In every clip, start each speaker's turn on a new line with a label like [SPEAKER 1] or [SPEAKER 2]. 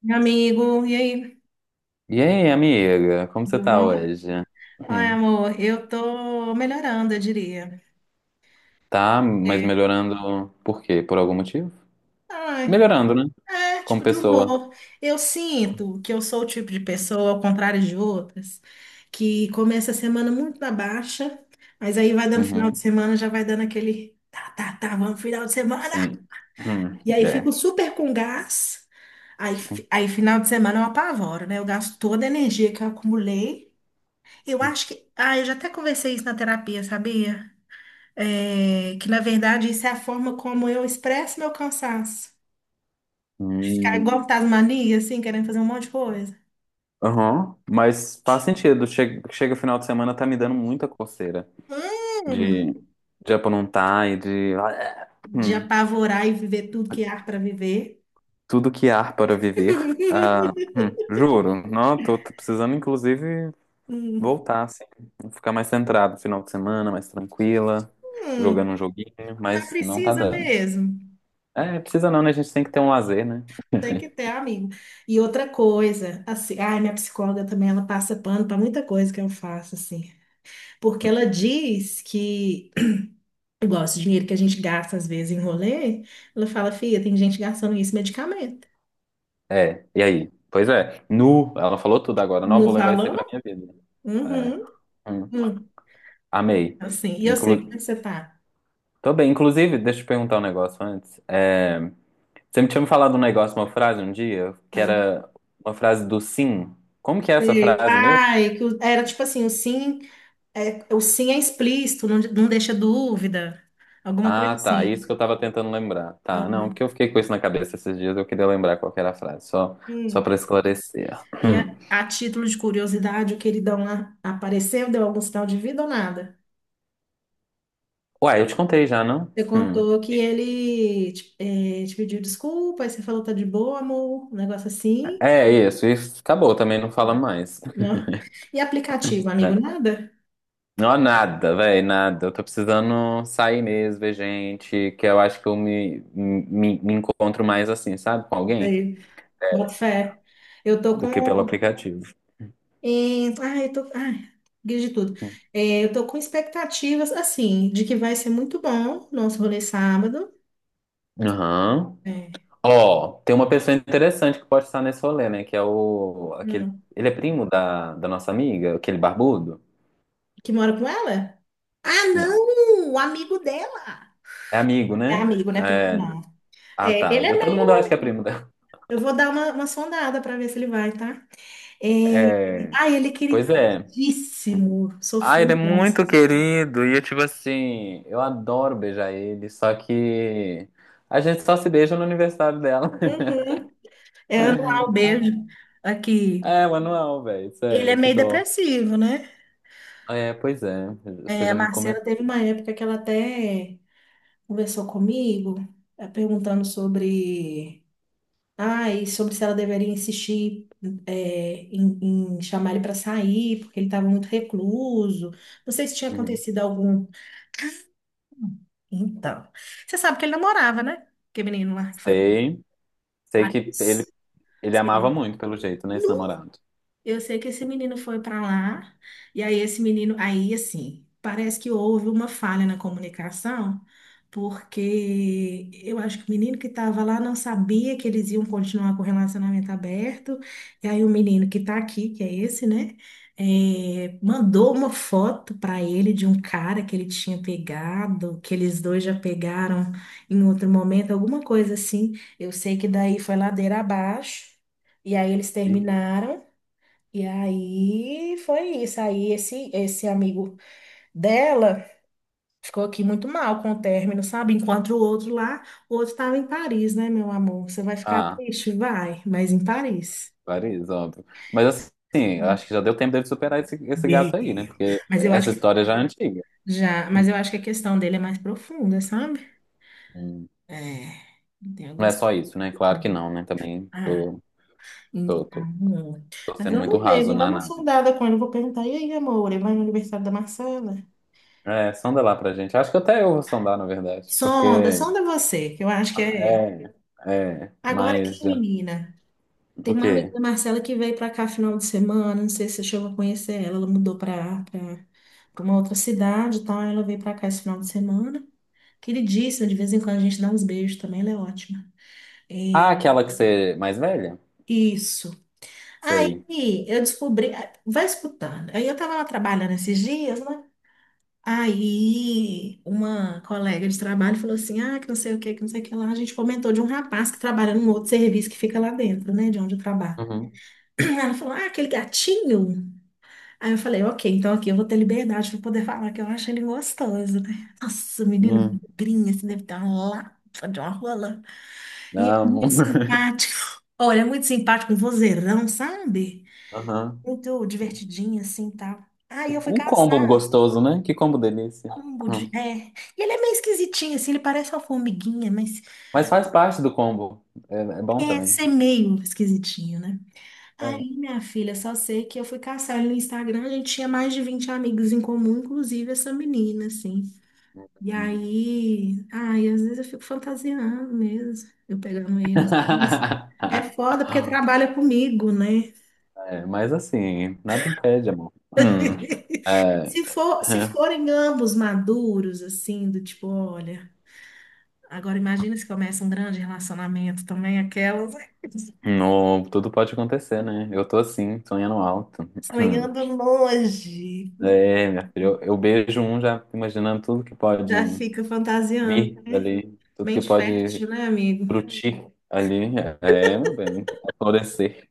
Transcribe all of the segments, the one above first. [SPEAKER 1] Meu amigo, e aí?
[SPEAKER 2] E aí, amiga, como você
[SPEAKER 1] Tudo
[SPEAKER 2] tá
[SPEAKER 1] bom?
[SPEAKER 2] hoje?
[SPEAKER 1] Ai,
[SPEAKER 2] Hum.
[SPEAKER 1] amor, eu tô melhorando, eu diria.
[SPEAKER 2] Tá, mas
[SPEAKER 1] É.
[SPEAKER 2] melhorando por quê? Por algum motivo?
[SPEAKER 1] Ai,
[SPEAKER 2] Melhorando, né?
[SPEAKER 1] é,
[SPEAKER 2] Como
[SPEAKER 1] tipo de
[SPEAKER 2] pessoa.
[SPEAKER 1] humor. Eu sinto que eu sou o tipo de pessoa, ao contrário de outras, que começa a semana muito na baixa, mas aí vai dando final de
[SPEAKER 2] Uhum,
[SPEAKER 1] semana, já vai dando aquele tá, tá, tá, vamos final de semana.
[SPEAKER 2] sim. Hum.
[SPEAKER 1] E aí fico
[SPEAKER 2] É.
[SPEAKER 1] super com gás. Aí, final de semana eu apavoro, né? Eu gasto toda a energia que eu acumulei. Eu acho que. Ah, eu já até conversei isso na terapia, sabia? É, que na verdade isso é a forma como eu expresso meu cansaço. Ficar
[SPEAKER 2] Hum.
[SPEAKER 1] igual Tasmania, assim, querendo fazer um monte de coisa.
[SPEAKER 2] Aham, mas faz sentido. Chega, chega final de semana, tá me dando muita coceira de,
[SPEAKER 1] Hum,
[SPEAKER 2] de aprontar e de.
[SPEAKER 1] de
[SPEAKER 2] Hum.
[SPEAKER 1] apavorar e viver tudo que há para viver.
[SPEAKER 2] Tudo que há para viver. Ah, juro. Não, tô precisando, inclusive.
[SPEAKER 1] Hum,
[SPEAKER 2] Voltar, assim, ficar mais centrado final de semana, mais tranquila,
[SPEAKER 1] hum,
[SPEAKER 2] jogando um joguinho,
[SPEAKER 1] mas
[SPEAKER 2] mas não tá
[SPEAKER 1] precisa
[SPEAKER 2] dando.
[SPEAKER 1] mesmo.
[SPEAKER 2] É, precisa não, né? A gente tem que ter um lazer, né?
[SPEAKER 1] Tem que ter, amigo. E outra coisa, assim, ai, minha psicóloga também, ela passa pano para muita coisa que eu faço, assim. Porque ela diz que, igual esse dinheiro que a gente gasta às vezes em rolê, ela fala, filha, tem gente gastando isso em medicamento.
[SPEAKER 2] É, e aí? Pois é, nu, ela falou tudo agora, não
[SPEAKER 1] Não
[SPEAKER 2] vou levar isso aí
[SPEAKER 1] falou?
[SPEAKER 2] pra minha vida. É,
[SPEAKER 1] Uhum.
[SPEAKER 2] hum,
[SPEAKER 1] Hum.
[SPEAKER 2] amei.
[SPEAKER 1] Assim, e eu sei, como é
[SPEAKER 2] Inclu...
[SPEAKER 1] que você tá?
[SPEAKER 2] Tô bem, inclusive, deixa eu te perguntar um negócio antes. É, você me tinha me falado um negócio, uma frase um dia, que
[SPEAKER 1] Ah,
[SPEAKER 2] era uma frase do sim. Como que é essa
[SPEAKER 1] sei.
[SPEAKER 2] frase mesmo?
[SPEAKER 1] Ai, que era tipo assim, o sim é explícito, não, não deixa dúvida, alguma coisa
[SPEAKER 2] Ah, tá. É isso
[SPEAKER 1] assim.
[SPEAKER 2] que eu tava tentando lembrar. Tá,
[SPEAKER 1] Ah,
[SPEAKER 2] não, porque eu fiquei com isso na cabeça esses dias, eu queria lembrar qual que era a frase, só
[SPEAKER 1] hum.
[SPEAKER 2] para esclarecer.
[SPEAKER 1] E a,
[SPEAKER 2] Hum.
[SPEAKER 1] a título de curiosidade, o queridão lá apareceu, deu algum sinal de vida ou nada?
[SPEAKER 2] Ué, eu te contei já, não?
[SPEAKER 1] Você
[SPEAKER 2] Hum.
[SPEAKER 1] contou que ele te pediu desculpa, aí você falou tá de boa, amor, um negócio assim,
[SPEAKER 2] É isso acabou também, não fala mais.
[SPEAKER 1] né? E aplicativo, amigo,
[SPEAKER 2] É.
[SPEAKER 1] nada?
[SPEAKER 2] Não, nada, velho, nada. Eu tô precisando sair mesmo, ver gente, que eu acho que eu me encontro mais assim, sabe, com alguém,
[SPEAKER 1] Aí, bota fé. Eu tô
[SPEAKER 2] do
[SPEAKER 1] com
[SPEAKER 2] que pelo aplicativo.
[SPEAKER 1] é, ah, eu tô, ah, guia de tudo. É, eu tô com expectativas, assim, de que vai ser muito bom nosso rolê sábado.
[SPEAKER 2] Aham.
[SPEAKER 1] É.
[SPEAKER 2] Ó, tem uma pessoa interessante que pode estar nesse rolê, né? Que é o. Aquele,
[SPEAKER 1] Hum.
[SPEAKER 2] ele é primo da nossa amiga, aquele barbudo?
[SPEAKER 1] Que mora com ela? Ah,
[SPEAKER 2] Não.
[SPEAKER 1] não! O amigo dela!
[SPEAKER 2] É amigo,
[SPEAKER 1] É
[SPEAKER 2] né?
[SPEAKER 1] amigo, né? Primo,
[SPEAKER 2] É.
[SPEAKER 1] não.
[SPEAKER 2] Ah,
[SPEAKER 1] É,
[SPEAKER 2] tá.
[SPEAKER 1] ele é
[SPEAKER 2] Todo mundo acha que
[SPEAKER 1] meio.
[SPEAKER 2] é primo dela.
[SPEAKER 1] Eu vou dar uma sondada para ver se ele vai, tá? É...
[SPEAKER 2] É.
[SPEAKER 1] Ah, ele é
[SPEAKER 2] Pois é.
[SPEAKER 1] queridíssimo.
[SPEAKER 2] Ah,
[SPEAKER 1] Sofreu
[SPEAKER 2] ele é muito
[SPEAKER 1] graças.
[SPEAKER 2] querido. E eu, tipo assim, eu adoro beijar ele, só que a gente só se beija no aniversário dela.
[SPEAKER 1] Uhum. É, anual beijo aqui.
[SPEAKER 2] É, manual, velho.
[SPEAKER 1] Ele é
[SPEAKER 2] Sério, que
[SPEAKER 1] meio
[SPEAKER 2] dó.
[SPEAKER 1] depressivo, né?
[SPEAKER 2] É, pois é. Você
[SPEAKER 1] É, a
[SPEAKER 2] já me
[SPEAKER 1] Marcela teve
[SPEAKER 2] comentou.
[SPEAKER 1] uma época que ela até conversou comigo, perguntando sobre, ah, e sobre se ela deveria insistir em, em chamar ele para sair, porque ele estava muito recluso. Não sei se tinha
[SPEAKER 2] Uhum.
[SPEAKER 1] acontecido algum. Então, você sabe que ele namorava, né? Que menino lá que foi para
[SPEAKER 2] Sei. Sei que ele.
[SPEAKER 1] Paris.
[SPEAKER 2] Ele amava
[SPEAKER 1] Sei
[SPEAKER 2] muito, pelo jeito, né,
[SPEAKER 1] lá.
[SPEAKER 2] esse namorado.
[SPEAKER 1] Eu sei que esse menino foi para lá, e aí esse menino, aí assim, parece que houve uma falha na comunicação, porque eu acho que o menino que estava lá não sabia que eles iam continuar com o relacionamento aberto, e aí o menino que está aqui, que é esse, né, mandou uma foto para ele de um cara que ele tinha pegado, que eles dois já pegaram em outro momento, alguma coisa assim. Eu sei que daí foi ladeira abaixo, e aí eles
[SPEAKER 2] E-
[SPEAKER 1] terminaram. E aí foi isso. Aí esse amigo dela ficou aqui muito mal com o término, sabe? Enquanto o outro lá, o outro estava em Paris, né, meu amor? Você vai ficar
[SPEAKER 2] Ah,
[SPEAKER 1] triste? Vai, mas em Paris.
[SPEAKER 2] Paris, óbvio. Mas assim, eu acho que já deu tempo dele superar esse gato aí, né?
[SPEAKER 1] Yeah.
[SPEAKER 2] Porque
[SPEAKER 1] Mas eu
[SPEAKER 2] essa
[SPEAKER 1] acho que
[SPEAKER 2] história já é antiga.
[SPEAKER 1] já, mas eu acho que a questão dele é mais profunda, sabe?
[SPEAKER 2] Hum.
[SPEAKER 1] É, tem
[SPEAKER 2] Não é
[SPEAKER 1] alguns.
[SPEAKER 2] só isso, né? Claro que não, né? Também
[SPEAKER 1] Ah,
[SPEAKER 2] tô, tô,
[SPEAKER 1] então.
[SPEAKER 2] tô
[SPEAKER 1] Mas
[SPEAKER 2] sendo muito
[SPEAKER 1] vamos ver,
[SPEAKER 2] raso
[SPEAKER 1] vou dar
[SPEAKER 2] na
[SPEAKER 1] uma
[SPEAKER 2] análise.
[SPEAKER 1] sondada com ele. Vou perguntar, e aí, amor, ele vai no aniversário da Marcela?
[SPEAKER 2] É, sonda lá pra gente. Acho que até eu vou sondar, na verdade,
[SPEAKER 1] Sonda,
[SPEAKER 2] porque
[SPEAKER 1] sonda você, que eu acho que é.
[SPEAKER 2] é, é,
[SPEAKER 1] Agora
[SPEAKER 2] mas
[SPEAKER 1] aqui,
[SPEAKER 2] já.
[SPEAKER 1] menina,
[SPEAKER 2] O
[SPEAKER 1] tem uma amiga
[SPEAKER 2] quê?
[SPEAKER 1] da Marcela que veio para cá final de semana, não sei se você chegou a conhecer ela, ela mudou para uma outra cidade e tal, ela veio para cá esse final de semana. Queridíssima, de vez em quando a gente dá uns beijos também, ela é ótima. É,
[SPEAKER 2] Ah, aquela que você é mais velha?
[SPEAKER 1] isso. Aí
[SPEAKER 2] Sei.
[SPEAKER 1] eu descobri, vai escutando. Aí eu tava lá trabalhando esses dias, né? Aí uma colega de trabalho falou assim: ah, que não sei o que, que não sei o que lá. A gente comentou de um rapaz que trabalha num outro serviço que fica lá dentro, né? De onde eu trabalho.
[SPEAKER 2] Uhum.
[SPEAKER 1] Ela falou, ah, aquele gatinho. Aí eu falei, ok, então aqui eu vou ter liberdade para poder falar que eu acho ele gostoso, né? Nossa, o menino
[SPEAKER 2] Hum,
[SPEAKER 1] magrinho, assim, deve ter uma lapa de uma rola. E é
[SPEAKER 2] amo.
[SPEAKER 1] muito simpático. Olha, é muito simpático, um vozeirão, sabe?
[SPEAKER 2] Aham.
[SPEAKER 1] Muito divertidinho, assim, tal. Aí eu fui
[SPEAKER 2] Um combo
[SPEAKER 1] caçar
[SPEAKER 2] gostoso, né? Que combo delícia.
[SPEAKER 1] combo
[SPEAKER 2] Hum.
[SPEAKER 1] de... É. E ele é meio esquisitinho, assim, ele parece uma formiguinha, mas
[SPEAKER 2] Mas faz parte do combo. É, é bom
[SPEAKER 1] é,
[SPEAKER 2] também.
[SPEAKER 1] ser meio esquisitinho, né?
[SPEAKER 2] É.
[SPEAKER 1] Aí, minha filha, só sei que eu fui caçar ele no Instagram, a gente tinha mais de 20 amigos em comum, inclusive essa menina, assim. E aí, ai, às vezes eu fico fantasiando mesmo, eu pegando ele. Mas é foda porque trabalha comigo, né?
[SPEAKER 2] É, mas assim, nada impede, amor. Hum, é,
[SPEAKER 1] Se for, se
[SPEAKER 2] é.
[SPEAKER 1] forem ambos maduros, assim, do tipo, olha, agora imagina se começa um grande relacionamento também, aquelas
[SPEAKER 2] No, tudo pode acontecer, né? Eu tô assim, sonhando alto.
[SPEAKER 1] sonhando longe,
[SPEAKER 2] É, minha filha, eu beijo um já imaginando tudo que pode
[SPEAKER 1] já fica fantasiando,
[SPEAKER 2] vir
[SPEAKER 1] né?
[SPEAKER 2] dali, tudo que
[SPEAKER 1] Mente
[SPEAKER 2] pode
[SPEAKER 1] fértil, né, amigo?
[SPEAKER 2] frutir ali. É, meu bem, florescer.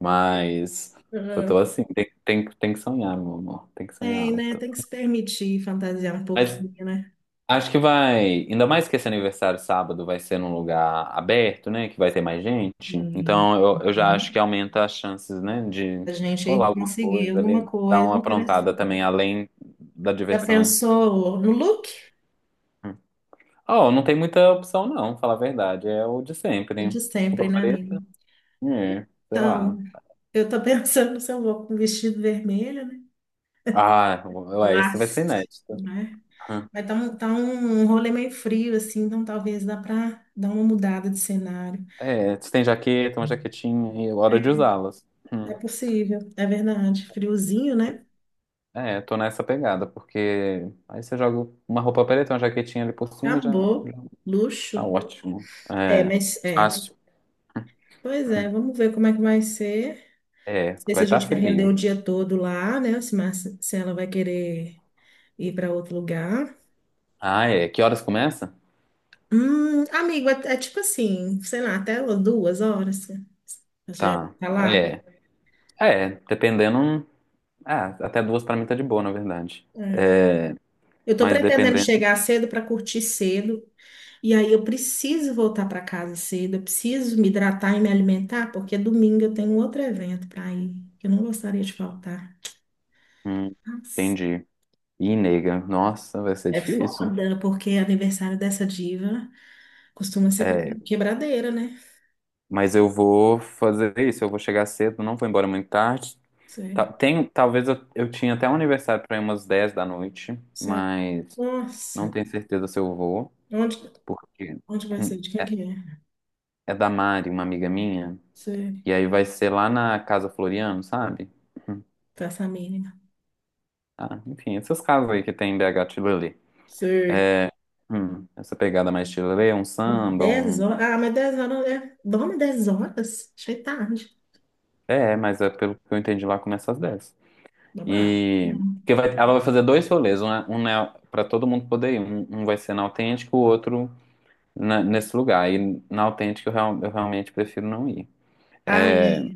[SPEAKER 2] Mas eu
[SPEAKER 1] Uhum.
[SPEAKER 2] tô assim, tem que sonhar, meu amor, tem que sonhar
[SPEAKER 1] Tem, né?
[SPEAKER 2] alto.
[SPEAKER 1] Tem que se permitir fantasiar um
[SPEAKER 2] Mas
[SPEAKER 1] pouquinho, né?
[SPEAKER 2] acho que vai, ainda mais que esse aniversário sábado vai ser num lugar aberto, né, que vai ter mais gente.
[SPEAKER 1] E
[SPEAKER 2] Então eu já acho que aumenta as chances, né, de
[SPEAKER 1] e a gente
[SPEAKER 2] rolar
[SPEAKER 1] aí
[SPEAKER 2] alguma
[SPEAKER 1] conseguir
[SPEAKER 2] coisa
[SPEAKER 1] alguma
[SPEAKER 2] ali, dar uma
[SPEAKER 1] coisa interessante.
[SPEAKER 2] aprontada também, além da
[SPEAKER 1] Já
[SPEAKER 2] diversão. Né.
[SPEAKER 1] pensou no look?
[SPEAKER 2] Oh, não tem muita opção, não, falar a verdade. É o de
[SPEAKER 1] O
[SPEAKER 2] sempre.
[SPEAKER 1] de sempre,
[SPEAKER 2] Roupa
[SPEAKER 1] né, amigo?
[SPEAKER 2] preta? É, sei
[SPEAKER 1] Então,
[SPEAKER 2] lá.
[SPEAKER 1] eu tô pensando se eu vou com vestido vermelho, né?
[SPEAKER 2] Ah, ué, esse vai ser
[SPEAKER 1] Clássico,
[SPEAKER 2] inédito.
[SPEAKER 1] né?
[SPEAKER 2] Hum.
[SPEAKER 1] Mas tá um rolê meio frio, assim, então talvez dá pra dar uma mudada de cenário.
[SPEAKER 2] É, você tem jaqueta, uma jaquetinha, e hora de usá-las.
[SPEAKER 1] É
[SPEAKER 2] Hum.
[SPEAKER 1] possível, é verdade. Friozinho, né?
[SPEAKER 2] É, tô nessa pegada, porque aí você joga uma roupa preta, uma jaquetinha ali por cima, já, já
[SPEAKER 1] Acabou.
[SPEAKER 2] tá
[SPEAKER 1] Luxo.
[SPEAKER 2] ótimo.
[SPEAKER 1] É,
[SPEAKER 2] É,
[SPEAKER 1] mas é,
[SPEAKER 2] fácil.
[SPEAKER 1] pois é, vamos ver como é que vai ser.
[SPEAKER 2] É,
[SPEAKER 1] Não sei se
[SPEAKER 2] vai
[SPEAKER 1] a
[SPEAKER 2] estar
[SPEAKER 1] gente vai render o
[SPEAKER 2] frio.
[SPEAKER 1] dia todo lá, né? Se ela vai querer ir para outro lugar.
[SPEAKER 2] Ah, é. Que horas começa?
[SPEAKER 1] Amigo, é, é tipo assim, sei lá, até umas 2 horas. Você já
[SPEAKER 2] Tá.
[SPEAKER 1] tá lá.
[SPEAKER 2] É, é, dependendo. Ah, até 2 pra mim tá de boa, na verdade.
[SPEAKER 1] É.
[SPEAKER 2] É,
[SPEAKER 1] Eu tô
[SPEAKER 2] mas
[SPEAKER 1] pretendendo
[SPEAKER 2] dependendo.
[SPEAKER 1] chegar cedo para curtir cedo. E aí eu preciso voltar para casa cedo. Eu preciso me hidratar e me alimentar, porque domingo eu tenho outro evento para ir, que eu não gostaria de faltar.
[SPEAKER 2] Hum,
[SPEAKER 1] Nossa,
[SPEAKER 2] entendi. Ih, nega, nossa, vai ser
[SPEAKER 1] é
[SPEAKER 2] difícil.
[SPEAKER 1] foda, porque é aniversário dessa diva. Costuma ser
[SPEAKER 2] É,
[SPEAKER 1] quebradeira, né?
[SPEAKER 2] mas eu vou fazer isso, eu vou chegar cedo, não vou embora muito tarde.
[SPEAKER 1] Sei,
[SPEAKER 2] Tem, talvez eu tinha até um aniversário para ir umas 10 da noite,
[SPEAKER 1] sei.
[SPEAKER 2] mas não
[SPEAKER 1] Nossa,
[SPEAKER 2] tenho certeza se eu vou,
[SPEAKER 1] onde,
[SPEAKER 2] porque
[SPEAKER 1] onde vai
[SPEAKER 2] hum,
[SPEAKER 1] ser? De quem
[SPEAKER 2] é,
[SPEAKER 1] que é?
[SPEAKER 2] é da Mari, uma amiga minha,
[SPEAKER 1] Sei,
[SPEAKER 2] e aí vai ser lá na Casa Floriano, sabe? Hum,
[SPEAKER 1] praça mínima.
[SPEAKER 2] Ah, enfim, essas casas aí que tem em BH Tilelê.
[SPEAKER 1] Sei.
[SPEAKER 2] Essa pegada mais Tilelê, um samba,
[SPEAKER 1] dez
[SPEAKER 2] um...
[SPEAKER 1] horas. Ah, mas 10 horas é. Dorme 10 horas? Achei tarde.
[SPEAKER 2] É, mas é pelo que eu entendi lá, começa às 10.
[SPEAKER 1] Babado.
[SPEAKER 2] E
[SPEAKER 1] Não.
[SPEAKER 2] porque ela vai fazer dois rolês, um, um é para todo mundo poder ir. Um vai ser na autêntica, o outro nesse lugar. E na autêntica eu realmente prefiro não ir.
[SPEAKER 1] Ai,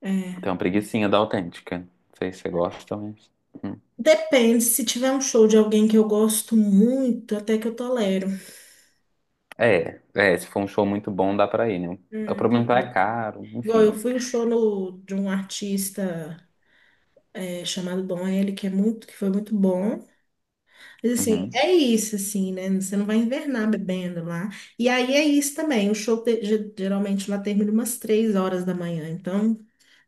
[SPEAKER 1] é. É.
[SPEAKER 2] Tem uma preguicinha da autêntica. Não sei se você gosta, mas. Hum.
[SPEAKER 1] Depende, se tiver um show de alguém que eu gosto muito, até que eu tolero.
[SPEAKER 2] É, é, se for um show muito bom, dá pra ir, né? O
[SPEAKER 1] É, deixa eu
[SPEAKER 2] problema é que é
[SPEAKER 1] ver.
[SPEAKER 2] caro,
[SPEAKER 1] Igual eu
[SPEAKER 2] enfim.
[SPEAKER 1] fui um show no, de um artista é, chamado Dom L, que é muito, que foi muito bom. Mas, assim,
[SPEAKER 2] Uhum.
[SPEAKER 1] é isso, assim, né? Você não vai invernar bebendo lá. E aí é isso também. O show geralmente lá termina umas 3 horas da manhã, então,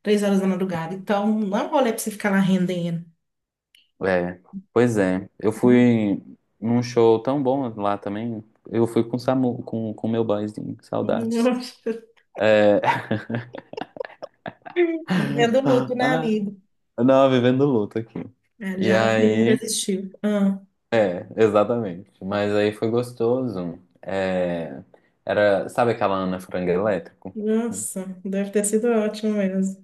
[SPEAKER 1] 3 horas da madrugada. Então, não é um rolê pra você ficar lá rendendo.
[SPEAKER 2] É, pois é. Eu fui num show tão bom lá também. Eu fui com o Samu, com o meu boyzinho, saudades. É...
[SPEAKER 1] Vivendo luto, né,
[SPEAKER 2] Ah,
[SPEAKER 1] amigo?
[SPEAKER 2] não, vivendo luto aqui.
[SPEAKER 1] É,
[SPEAKER 2] E
[SPEAKER 1] já o que nunca
[SPEAKER 2] aí,
[SPEAKER 1] existiu. Ah,
[SPEAKER 2] é, exatamente. Mas aí foi gostoso. É, era, sabe aquela Ana Frango Elétrico?
[SPEAKER 1] nossa, deve ter sido ótimo mesmo.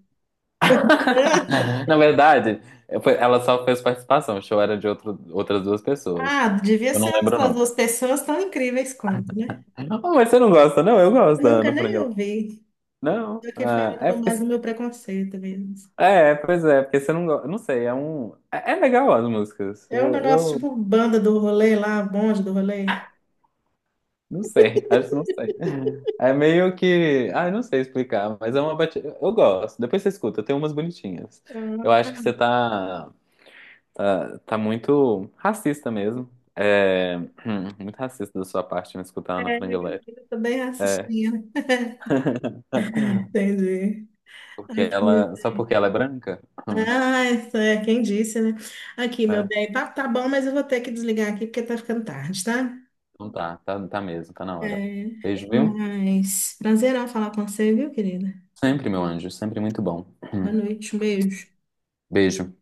[SPEAKER 2] Na verdade, ela só fez participação. O show era de outras duas pessoas.
[SPEAKER 1] Ah, devia
[SPEAKER 2] Eu não
[SPEAKER 1] ser as
[SPEAKER 2] lembro o
[SPEAKER 1] as
[SPEAKER 2] nome.
[SPEAKER 1] 2 pessoas tão incríveis quanto, né?
[SPEAKER 2] Oh, mas você não gosta, não? Eu gosto
[SPEAKER 1] Eu
[SPEAKER 2] da
[SPEAKER 1] nunca
[SPEAKER 2] Ana Frango
[SPEAKER 1] nem
[SPEAKER 2] Elétrico.
[SPEAKER 1] ouvi.
[SPEAKER 2] Não?
[SPEAKER 1] Eu que
[SPEAKER 2] Ah,
[SPEAKER 1] falo
[SPEAKER 2] é,
[SPEAKER 1] com base no meu preconceito mesmo.
[SPEAKER 2] é, pois é, porque você não gosta. Não sei, é um. É, é legal as músicas.
[SPEAKER 1] É um negócio tipo banda do rolê lá, bonde do rolê.
[SPEAKER 2] Não sei, acho que não sei. É meio que. Ah, eu não sei explicar, mas é uma batida. Eu gosto. Depois você escuta, tem umas bonitinhas. Eu
[SPEAKER 1] Ah,
[SPEAKER 2] acho que você tá. Tá muito racista mesmo. É. Muito racista da sua parte me escutar a Ana
[SPEAKER 1] é,
[SPEAKER 2] Frango Elétrico.
[SPEAKER 1] eu também
[SPEAKER 2] É.
[SPEAKER 1] assistindo. Entendi.
[SPEAKER 2] Porque
[SPEAKER 1] Aqui.
[SPEAKER 2] ela. Só porque ela é branca?
[SPEAKER 1] Ah, isso é quem disse, né? Aqui, meu
[SPEAKER 2] É.
[SPEAKER 1] bem, tá, tá bom, mas eu vou ter que desligar aqui porque tá ficando tarde, tá?
[SPEAKER 2] Então tá, tá, tá mesmo, tá na hora.
[SPEAKER 1] É,
[SPEAKER 2] Beijo, viu?
[SPEAKER 1] mas prazerão falar com você, viu, querida?
[SPEAKER 2] Sempre, meu anjo, sempre muito bom.
[SPEAKER 1] Boa noite, um beijo.
[SPEAKER 2] Beijo.